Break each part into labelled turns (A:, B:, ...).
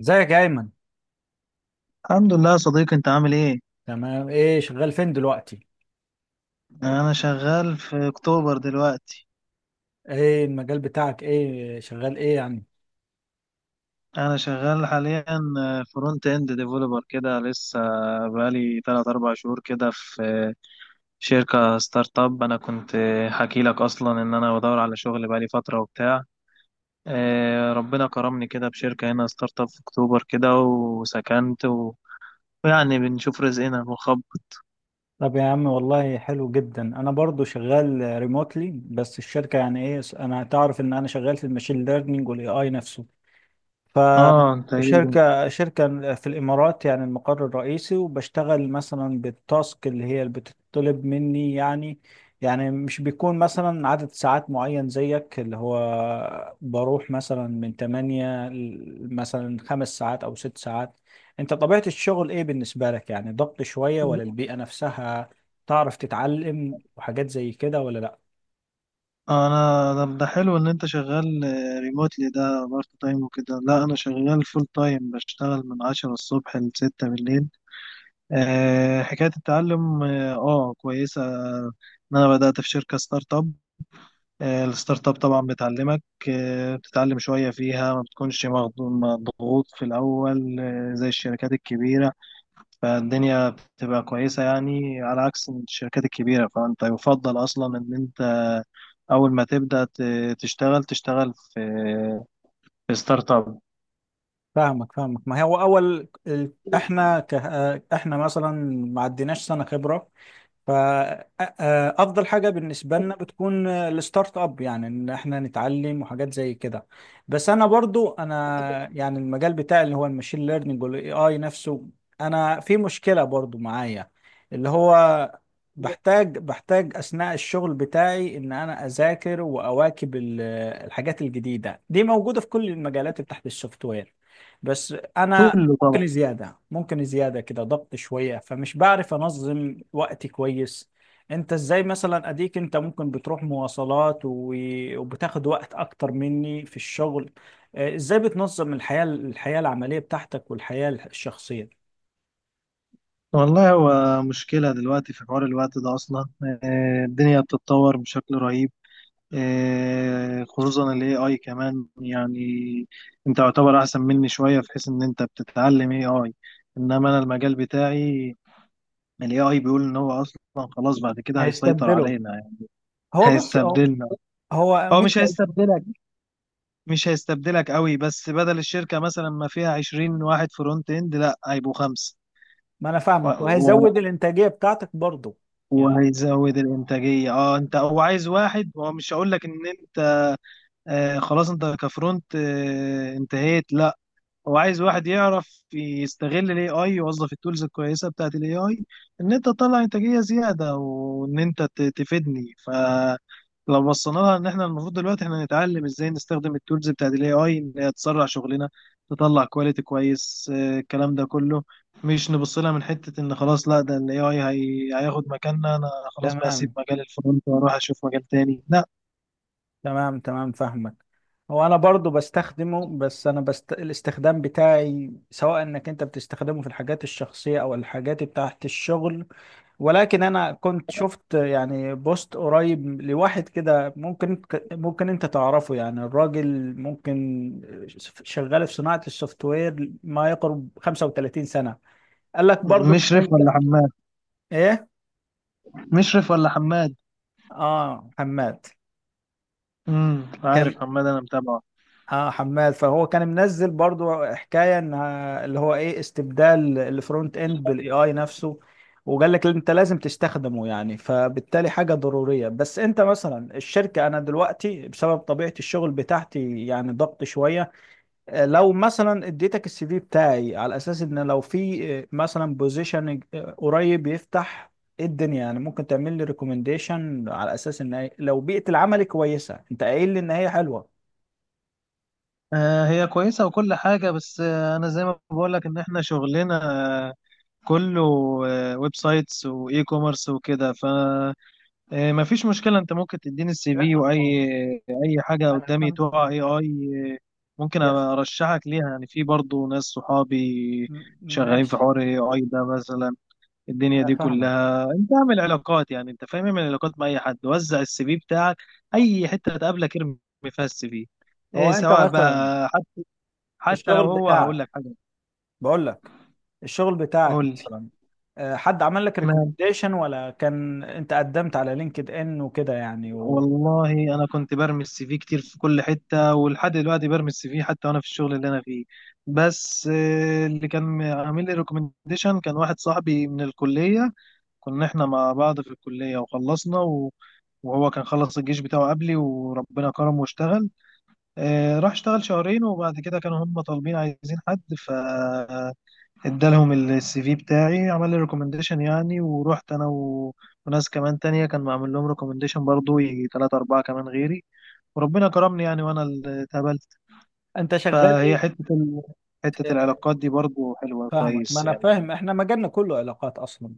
A: ازيك يا ايمن.
B: الحمد لله يا صديقي، انت عامل ايه؟
A: تمام، ايه شغال فين دلوقتي؟
B: انا شغال في اكتوبر دلوقتي.
A: ايه المجال بتاعك، ايه شغال ايه يعني؟
B: انا شغال حاليا فرونت اند ديفلوبر كده لسه، بقالي 3 4 شهور كده في شركة ستارت اب. انا كنت حكي لك اصلا ان انا بدور على شغل بقالي فترة وبتاع. اه، ربنا كرمني كده بشركة هنا ستارت اب في اكتوبر كده وسكنت ويعني بنشوف رزقنا بنخبط.
A: طب يا عم والله حلو جدا. انا برضو شغال ريموتلي، بس الشركه يعني ايه، انا تعرف ان انا شغال في الماشين ليرنينج والاي اي نفسه. ف
B: اه انت ايه؟
A: شركة في الإمارات، يعني المقر الرئيسي، وبشتغل مثلا بالتاسك اللي هي اللي بتطلب مني يعني. يعني مش بيكون مثلا عدد ساعات معين زيك، اللي هو بروح مثلا من 8 مثلا 5 ساعات أو 6 ساعات. أنت طبيعة الشغل إيه بالنسبة لك؟ يعني ضغط شوية، ولا البيئة نفسها تعرف تتعلم وحاجات زي كده، ولا لأ؟
B: انا طب ده حلو ان انت شغال ريموتلي ده بارت تايم وكده. لا انا شغال فول تايم بشتغل من عشرة الصبح لستة بالليل. أه حكاية التعلم اه، كويسة ان انا بدأت في شركة ستارت اب. الستارت اب طبعا بتعلمك. بتتعلم شوية فيها، ما بتكونش مضغوط في الاول، زي الشركات الكبيرة. فالدنيا بتبقى كويسة يعني، على عكس الشركات الكبيرة، فأنت يفضل أصلا إن أنت أول ما تبدأ تشتغل في ستارت أب.
A: فاهمك. ما هو أول إحنا ك... آه، إحنا مثلا ما عديناش سنة خبرة، فأفضل حاجة بالنسبة لنا بتكون الستارت اب، يعني إن إحنا نتعلم وحاجات زي كده. بس أنا برضو أنا يعني المجال بتاعي اللي هو الماشين ليرنينج والاي آي نفسه، أنا في مشكلة برضو معايا، اللي هو بحتاج أثناء الشغل بتاعي إن أنا أذاكر وأواكب الحاجات الجديدة دي موجودة في كل المجالات تحت السوفت وير. بس أنا
B: كله طبعا.
A: ممكن زيادة كده، ضغط شوية، فمش بعرف أنظم وقتي كويس. أنت إزاي مثلا؟ أديك أنت ممكن بتروح مواصلات وبتاخد وقت أكتر مني في الشغل. إزاي بتنظم الحياة العملية بتاعتك والحياة الشخصية؟
B: والله هو مشكلة دلوقتي في حوار الوقت ده أصلا. الدنيا بتتطور بشكل رهيب. خصوصا ال AI كمان يعني. أنت يعتبر أحسن مني شوية في حيث إن أنت بتتعلم AI، إنما أنا المجال بتاعي ال AI بيقول إن هو أصلا خلاص بعد كده هيسيطر
A: هيستبدله.
B: علينا،
A: هو بص، هو
B: هيستبدلنا.
A: هو
B: هو
A: مش...
B: مش هيستبدلك، مش هيستبدلك قوي، بس بدل الشركة مثلا ما فيها 20 واحد فرونت اند، لا هيبقوا خمسة.
A: ما أنا
B: و...
A: فاهمك،
B: و...
A: وهيزود الإنتاجية بتاعتك برضه. يعني
B: وهيزود الإنتاجية. اه، انت هو عايز واحد، هو مش هقول لك ان انت آه خلاص انت كفرونت آه انتهيت، لا. هو عايز واحد يعرف يستغل الاي اي، يوظف التولز الكويسه بتاعت الاي اي ان انت تطلع انتاجيه زياده وان انت تفيدني. فلو بصينا لها، ان احنا المفروض دلوقتي احنا نتعلم ازاي نستخدم التولز بتاعت الاي اي ان هي تسرع شغلنا، تطلع كواليتي كويس. الكلام ده كله، مش نبص لها من حته ان خلاص لا ده الاي اي هياخد مكاننا، انا خلاص بقى اسيب
A: تمام.
B: مجال الفرونت واروح اشوف مجال تاني، لا.
A: تمام فاهمك. هو انا برضو بستخدمه، بس انا الاستخدام بتاعي سواء انك انت بتستخدمه في الحاجات الشخصية او الحاجات بتاعت الشغل. ولكن انا كنت شفت يعني بوست قريب لواحد كده، ممكن انت تعرفه يعني. الراجل ممكن شغال في صناعة السوفت وير ما يقرب 35 سنة. قال لك برضو انك
B: مشرف
A: انت
B: ولا حماد
A: ايه.
B: مشرف ولا حماد؟
A: اه، حماد.
B: عارف
A: كان...
B: حماد، انا متابعه.
A: اه، حماد، فهو كان منزل برضو حكايه انها اللي هو ايه، استبدال الفرونت اند بالاي اي نفسه، وقال لك انت لازم تستخدمه يعني، فبالتالي حاجه ضروريه. بس انت مثلا الشركه، انا دلوقتي بسبب طبيعه الشغل بتاعتي يعني ضغط شويه. لو مثلا اديتك السي في بتاعي على اساس ان لو في مثلا بوزيشن قريب يفتح، ايه الدنيا يعني، ممكن تعمل لي ريكومنديشن على اساس ان لو بيئه العمل كويسه، انت قايل لي ان هي حلوه.
B: هي كويسة وكل حاجة، بس أنا زي ما بقولك إن إحنا شغلنا آه، كله ويب سايتس وإي كوميرس وكده، فما فيش مشكلة. أنت ممكن تديني السي في،
A: لا،
B: أي حاجة
A: انا
B: قدامي
A: فاهم.
B: تقع أي ممكن
A: يا
B: أبقى أرشحك ليها يعني. في برضو ناس صحابي شغالين في
A: ماشي.
B: حوار أي أي ده مثلا. الدنيا دي
A: انا فاهمك.
B: كلها أنت اعمل علاقات، يعني أنت فاهم، اعمل علاقات مع أي حد، وزع السي في بتاعك أي حتة تقابلك ارمي فيها السي في،
A: هو
B: إيه
A: انت
B: سواء
A: مثلا
B: بقى، حتى لو
A: الشغل
B: هو
A: بتاعك،
B: هقول لك حاجه.
A: بقول لك الشغل بتاعك
B: قول لي.
A: مثلا، حد عمل لك
B: مال.
A: ريكومنديشن، ولا كان انت قدمت على لينكد ان وكده يعني، وانت
B: والله انا كنت برمي السي في كتير في كل حته، ولحد دلوقتي برمي السي في حتى وانا في الشغل اللي انا فيه. بس اللي كان عامل لي ريكومنديشن كان واحد صاحبي من الكليه، كنا احنا مع بعض في الكليه وخلصنا وهو كان خلص الجيش بتاعه قبلي، وربنا كرمه واشتغل، راح اشتغل شهرين، وبعد كده كانوا هم طالبين عايزين حد، ادالهم السي في بتاعي عمل لي ريكومنديشن يعني، ورحت انا وناس كمان تانية كان معمل لهم ريكومنديشن برضو، يجي تلاتة أربعة كمان غيري، وربنا كرمني يعني وأنا اللي اتقبلت.
A: شغال
B: فهي
A: ايه؟
B: حتة ال... حتة العلاقات دي برضو حلوة
A: فاهمك، ما
B: كويس
A: انا
B: يعني.
A: فاهم، احنا مجالنا كله علاقات اصلا،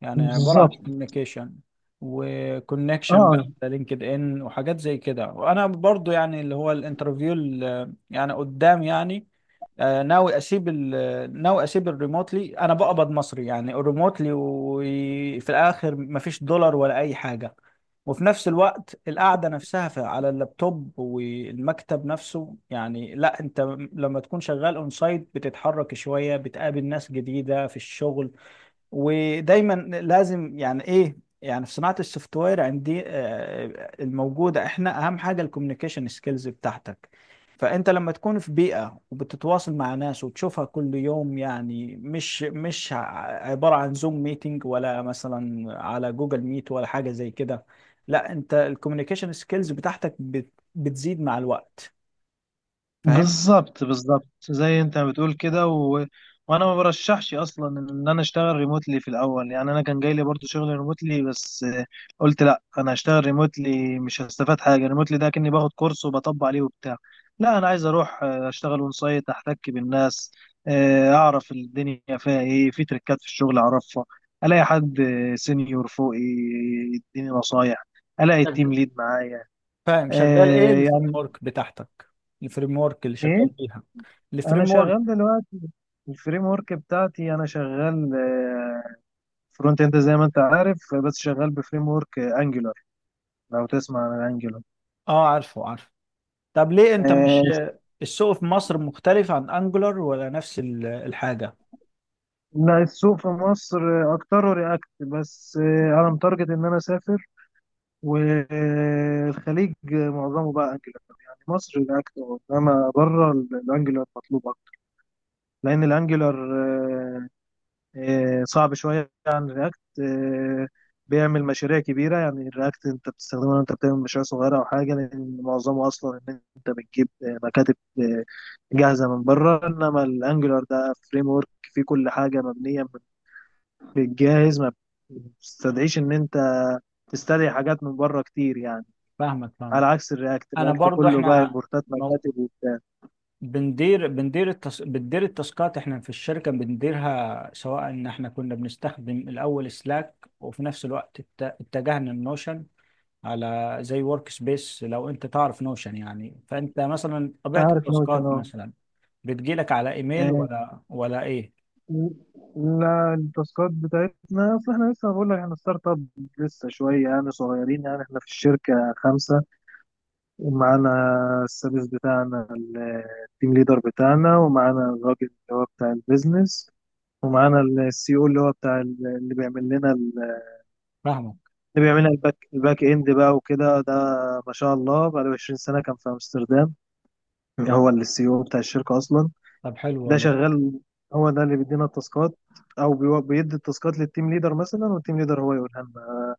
A: يعني عبارة عن
B: بالظبط
A: كوميونيكيشن وكونكشن بقى
B: اه،
A: على لينكد ان وحاجات زي كده. وانا برضو يعني اللي هو الانترفيو اللي يعني قدام يعني، ناوي اسيب ناوي اسيب الريموتلي. انا بقبض مصري يعني الريموتلي، وفي الاخر مفيش دولار ولا اي حاجه، وفي نفس الوقت القعده نفسها على اللابتوب والمكتب نفسه. يعني لا، انت لما تكون شغال اون سايت بتتحرك شويه، بتقابل ناس جديده في الشغل، ودايما لازم يعني ايه يعني، في صناعة السوفت وير عندي الموجودة احنا اهم حاجة الكوميونيكيشن سكيلز بتاعتك. فانت لما تكون في بيئة وبتتواصل مع ناس وتشوفها كل يوم، يعني مش عبارة عن زوم ميتنج ولا مثلا على جوجل ميت ولا حاجة زي كده، لا، انت الكوميونيكيشن سكيلز بتاعتك بتزيد مع الوقت، فاهم؟
B: بالظبط زي انت بتقول كده. وانا ما برشحش اصلا ان انا اشتغل ريموتلي في الاول، يعني انا كان جاي لي برضه شغل ريموتلي، بس قلت لا انا هشتغل ريموتلي مش هستفاد حاجه، ريموتلي ده كاني باخد كورس وبطبق عليه وبتاع. لا انا عايز اروح اشتغل اون سايت احتك بالناس، اعرف الدنيا فيها ايه، في تريكات في الشغل اعرفها، الاقي حد سينيور فوقي يديني نصايح، الاقي التيم
A: شغ-
B: ليد معايا.
A: فاهم شغال ايه الفريم
B: يعني
A: ورك بتاعتك؟ الفريم ورك اللي شغال
B: ايه.
A: بيها.
B: انا
A: الفريم
B: شغال
A: ورك.
B: دلوقتي الفريم ورك بتاعتي، انا شغال فرونت اند زي ما انت عارف، بس شغال بفريم ورك انجولار. لو تسمع عن انجولار.
A: اه، عارفه. طب ليه انت مش... السوق في مصر مختلف عن انجولار، ولا نفس الحاجه؟
B: لا، السوق في مصر اكتره رياكت، بس انا متارجت ان انا اسافر، والخليج معظمه بقى انجولار يعني، مصر رياكت انما بره الانجولار مطلوب اكتر، لان الانجولار صعب شويه عن رياكت، بيعمل مشاريع كبيره يعني. الرياكت انت بتستخدمه، انت بتعمل مشاريع صغيره او حاجه، لان معظمه اصلا ان انت بتجيب مكاتب جاهزه من بره. انما الانجلر ده فريم ورك فيه كل حاجه مبنيه من الجاهز، ما بتستدعيش ان انت تستدعي حاجات من بره كتير يعني،
A: فاهمك.
B: على عكس الرياكت.
A: انا
B: الرياكت
A: برضو
B: كله بقى
A: احنا
B: امبورتات
A: مو...
B: مكاتب وبتاع.
A: بندير بندير التص... بندير التاسكات احنا في الشركه بنديرها، سواء ان احنا كنا بنستخدم الاول سلاك، وفي نفس الوقت اتجهنا لنوشن، على زي ورك سبيس. لو انت تعرف نوشن يعني، فانت مثلا
B: أنا
A: طبيعه
B: عارف نوت.
A: التاسكات
B: انا
A: مثلا بتجيلك على ايميل، ولا ايه؟
B: لا، التاسكات بتاعتنا، اصل احنا لسه بقول لك احنا ستارت اب، لسه شويه يعني صغيرين يعني. احنا في الشركه خمسه، ومعانا السادس بتاعنا التيم ليدر بتاعنا، ومعانا الراجل اللي هو بتاع البيزنس، ومعانا السي او اللي هو بتاع اللي بيعمل لنا
A: فاهمك.
B: اللي بيعمل لنا الباك اند بقى وكده. ده ما شاء الله بقى له 20 سنه كان في امستردام، هو السي او بتاع الشركه اصلا.
A: طب حلو
B: ده
A: والله.
B: شغال. هو ده اللي بيدينا التاسكات، او بيدي التاسكات للتيم ليدر مثلا، والتيم ليدر هو يقولها لنا.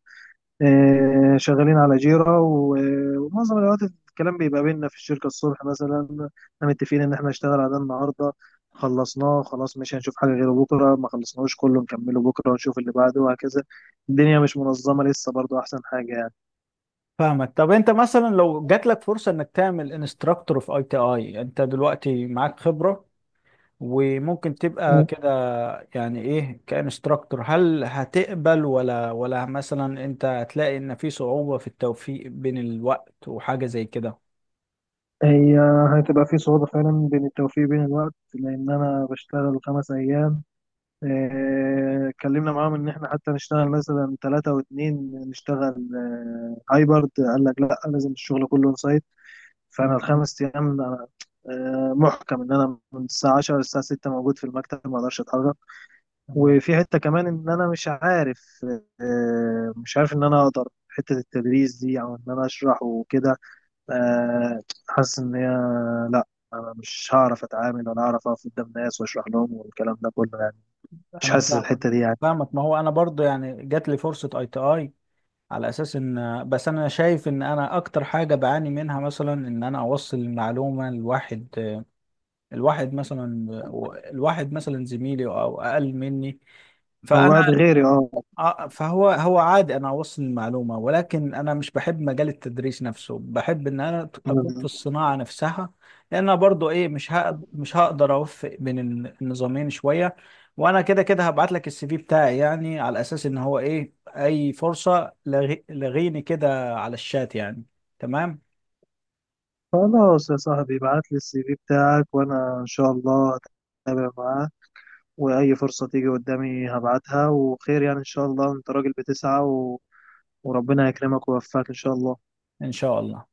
B: شغالين على جيرا ومعظم الوقت الكلام بيبقى بيننا في الشركة. الصبح مثلا احنا متفقين ان احنا نشتغل على ده النهارده، خلصناه خلاص مش هنشوف حاجة غيره، بكرة ما خلصناهوش كله نكمله بكرة ونشوف اللي بعده وهكذا. الدنيا مش منظمة لسه، برضو أحسن حاجة يعني.
A: فاهمك. طب انت مثلا لو جات لك فرصه انك تعمل انستراكتور في اي تي اي، انت دلوقتي معاك خبره وممكن تبقى كده، يعني ايه كانستراكتور، هل هتقبل، ولا مثلا انت هتلاقي ان في صعوبه في التوفيق بين الوقت وحاجه زي كده؟
B: هي هتبقى في صعوبة فعلا بين التوفيق بين الوقت، لأن أنا بشتغل 5 أيام. اتكلمنا معاهم ان احنا حتى نشتغل مثلا 3 واتنين نشتغل، هايبرد، قال لك لا لازم الشغل كله اون سايت. فانا
A: م-.
B: ال 5 ايام أنا، محكم ان انا من الساعة 10 للساعة 6 موجود في المكتب، ما اقدرش اتحرك.
A: م.
B: وفي حتة كمان ان انا مش عارف، مش عارف ان انا اقدر حتة التدريس دي، او ان انا اشرح وكده. آه، حاسس ان هي لا، انا مش هعرف اتعامل ولا هعرف اقف قدام ناس واشرح لهم والكلام ده كله يعني، مش
A: انا
B: حاسس
A: فاهمك.
B: الحتة دي يعني.
A: فاهمك، ما هو انا برضو يعني جات لي فرصه اي تي اي على اساس ان، بس انا شايف ان انا اكتر حاجه بعاني منها مثلا ان انا اوصل المعلومه لواحد. الواحد مثلا... الواحد مثلا زميلي او اقل مني،
B: هو
A: فانا
B: قاعد غيري اه.
A: فهو هو عادي انا اوصل المعلومه، ولكن انا مش بحب مجال التدريس نفسه. بحب ان انا اكون في الصناعه نفسها، لان أنا برضو ايه، مش هقدر اوفق بين النظامين شويه. وانا كده كده هبعت لك السي في بتاعي، يعني على اساس ان هو ايه، اي فرصه لغيني كده على الشات يعني. تمام.
B: خلاص يا صاحبي، ابعت لي السي في بتاعك وانا ان شاء الله هتابع معاه، واي فرصة تيجي قدامي هبعتها، وخير يعني، ان شاء الله انت راجل بتسعى وربنا يكرمك ويوفقك ان شاء الله.
A: ان شاء الله.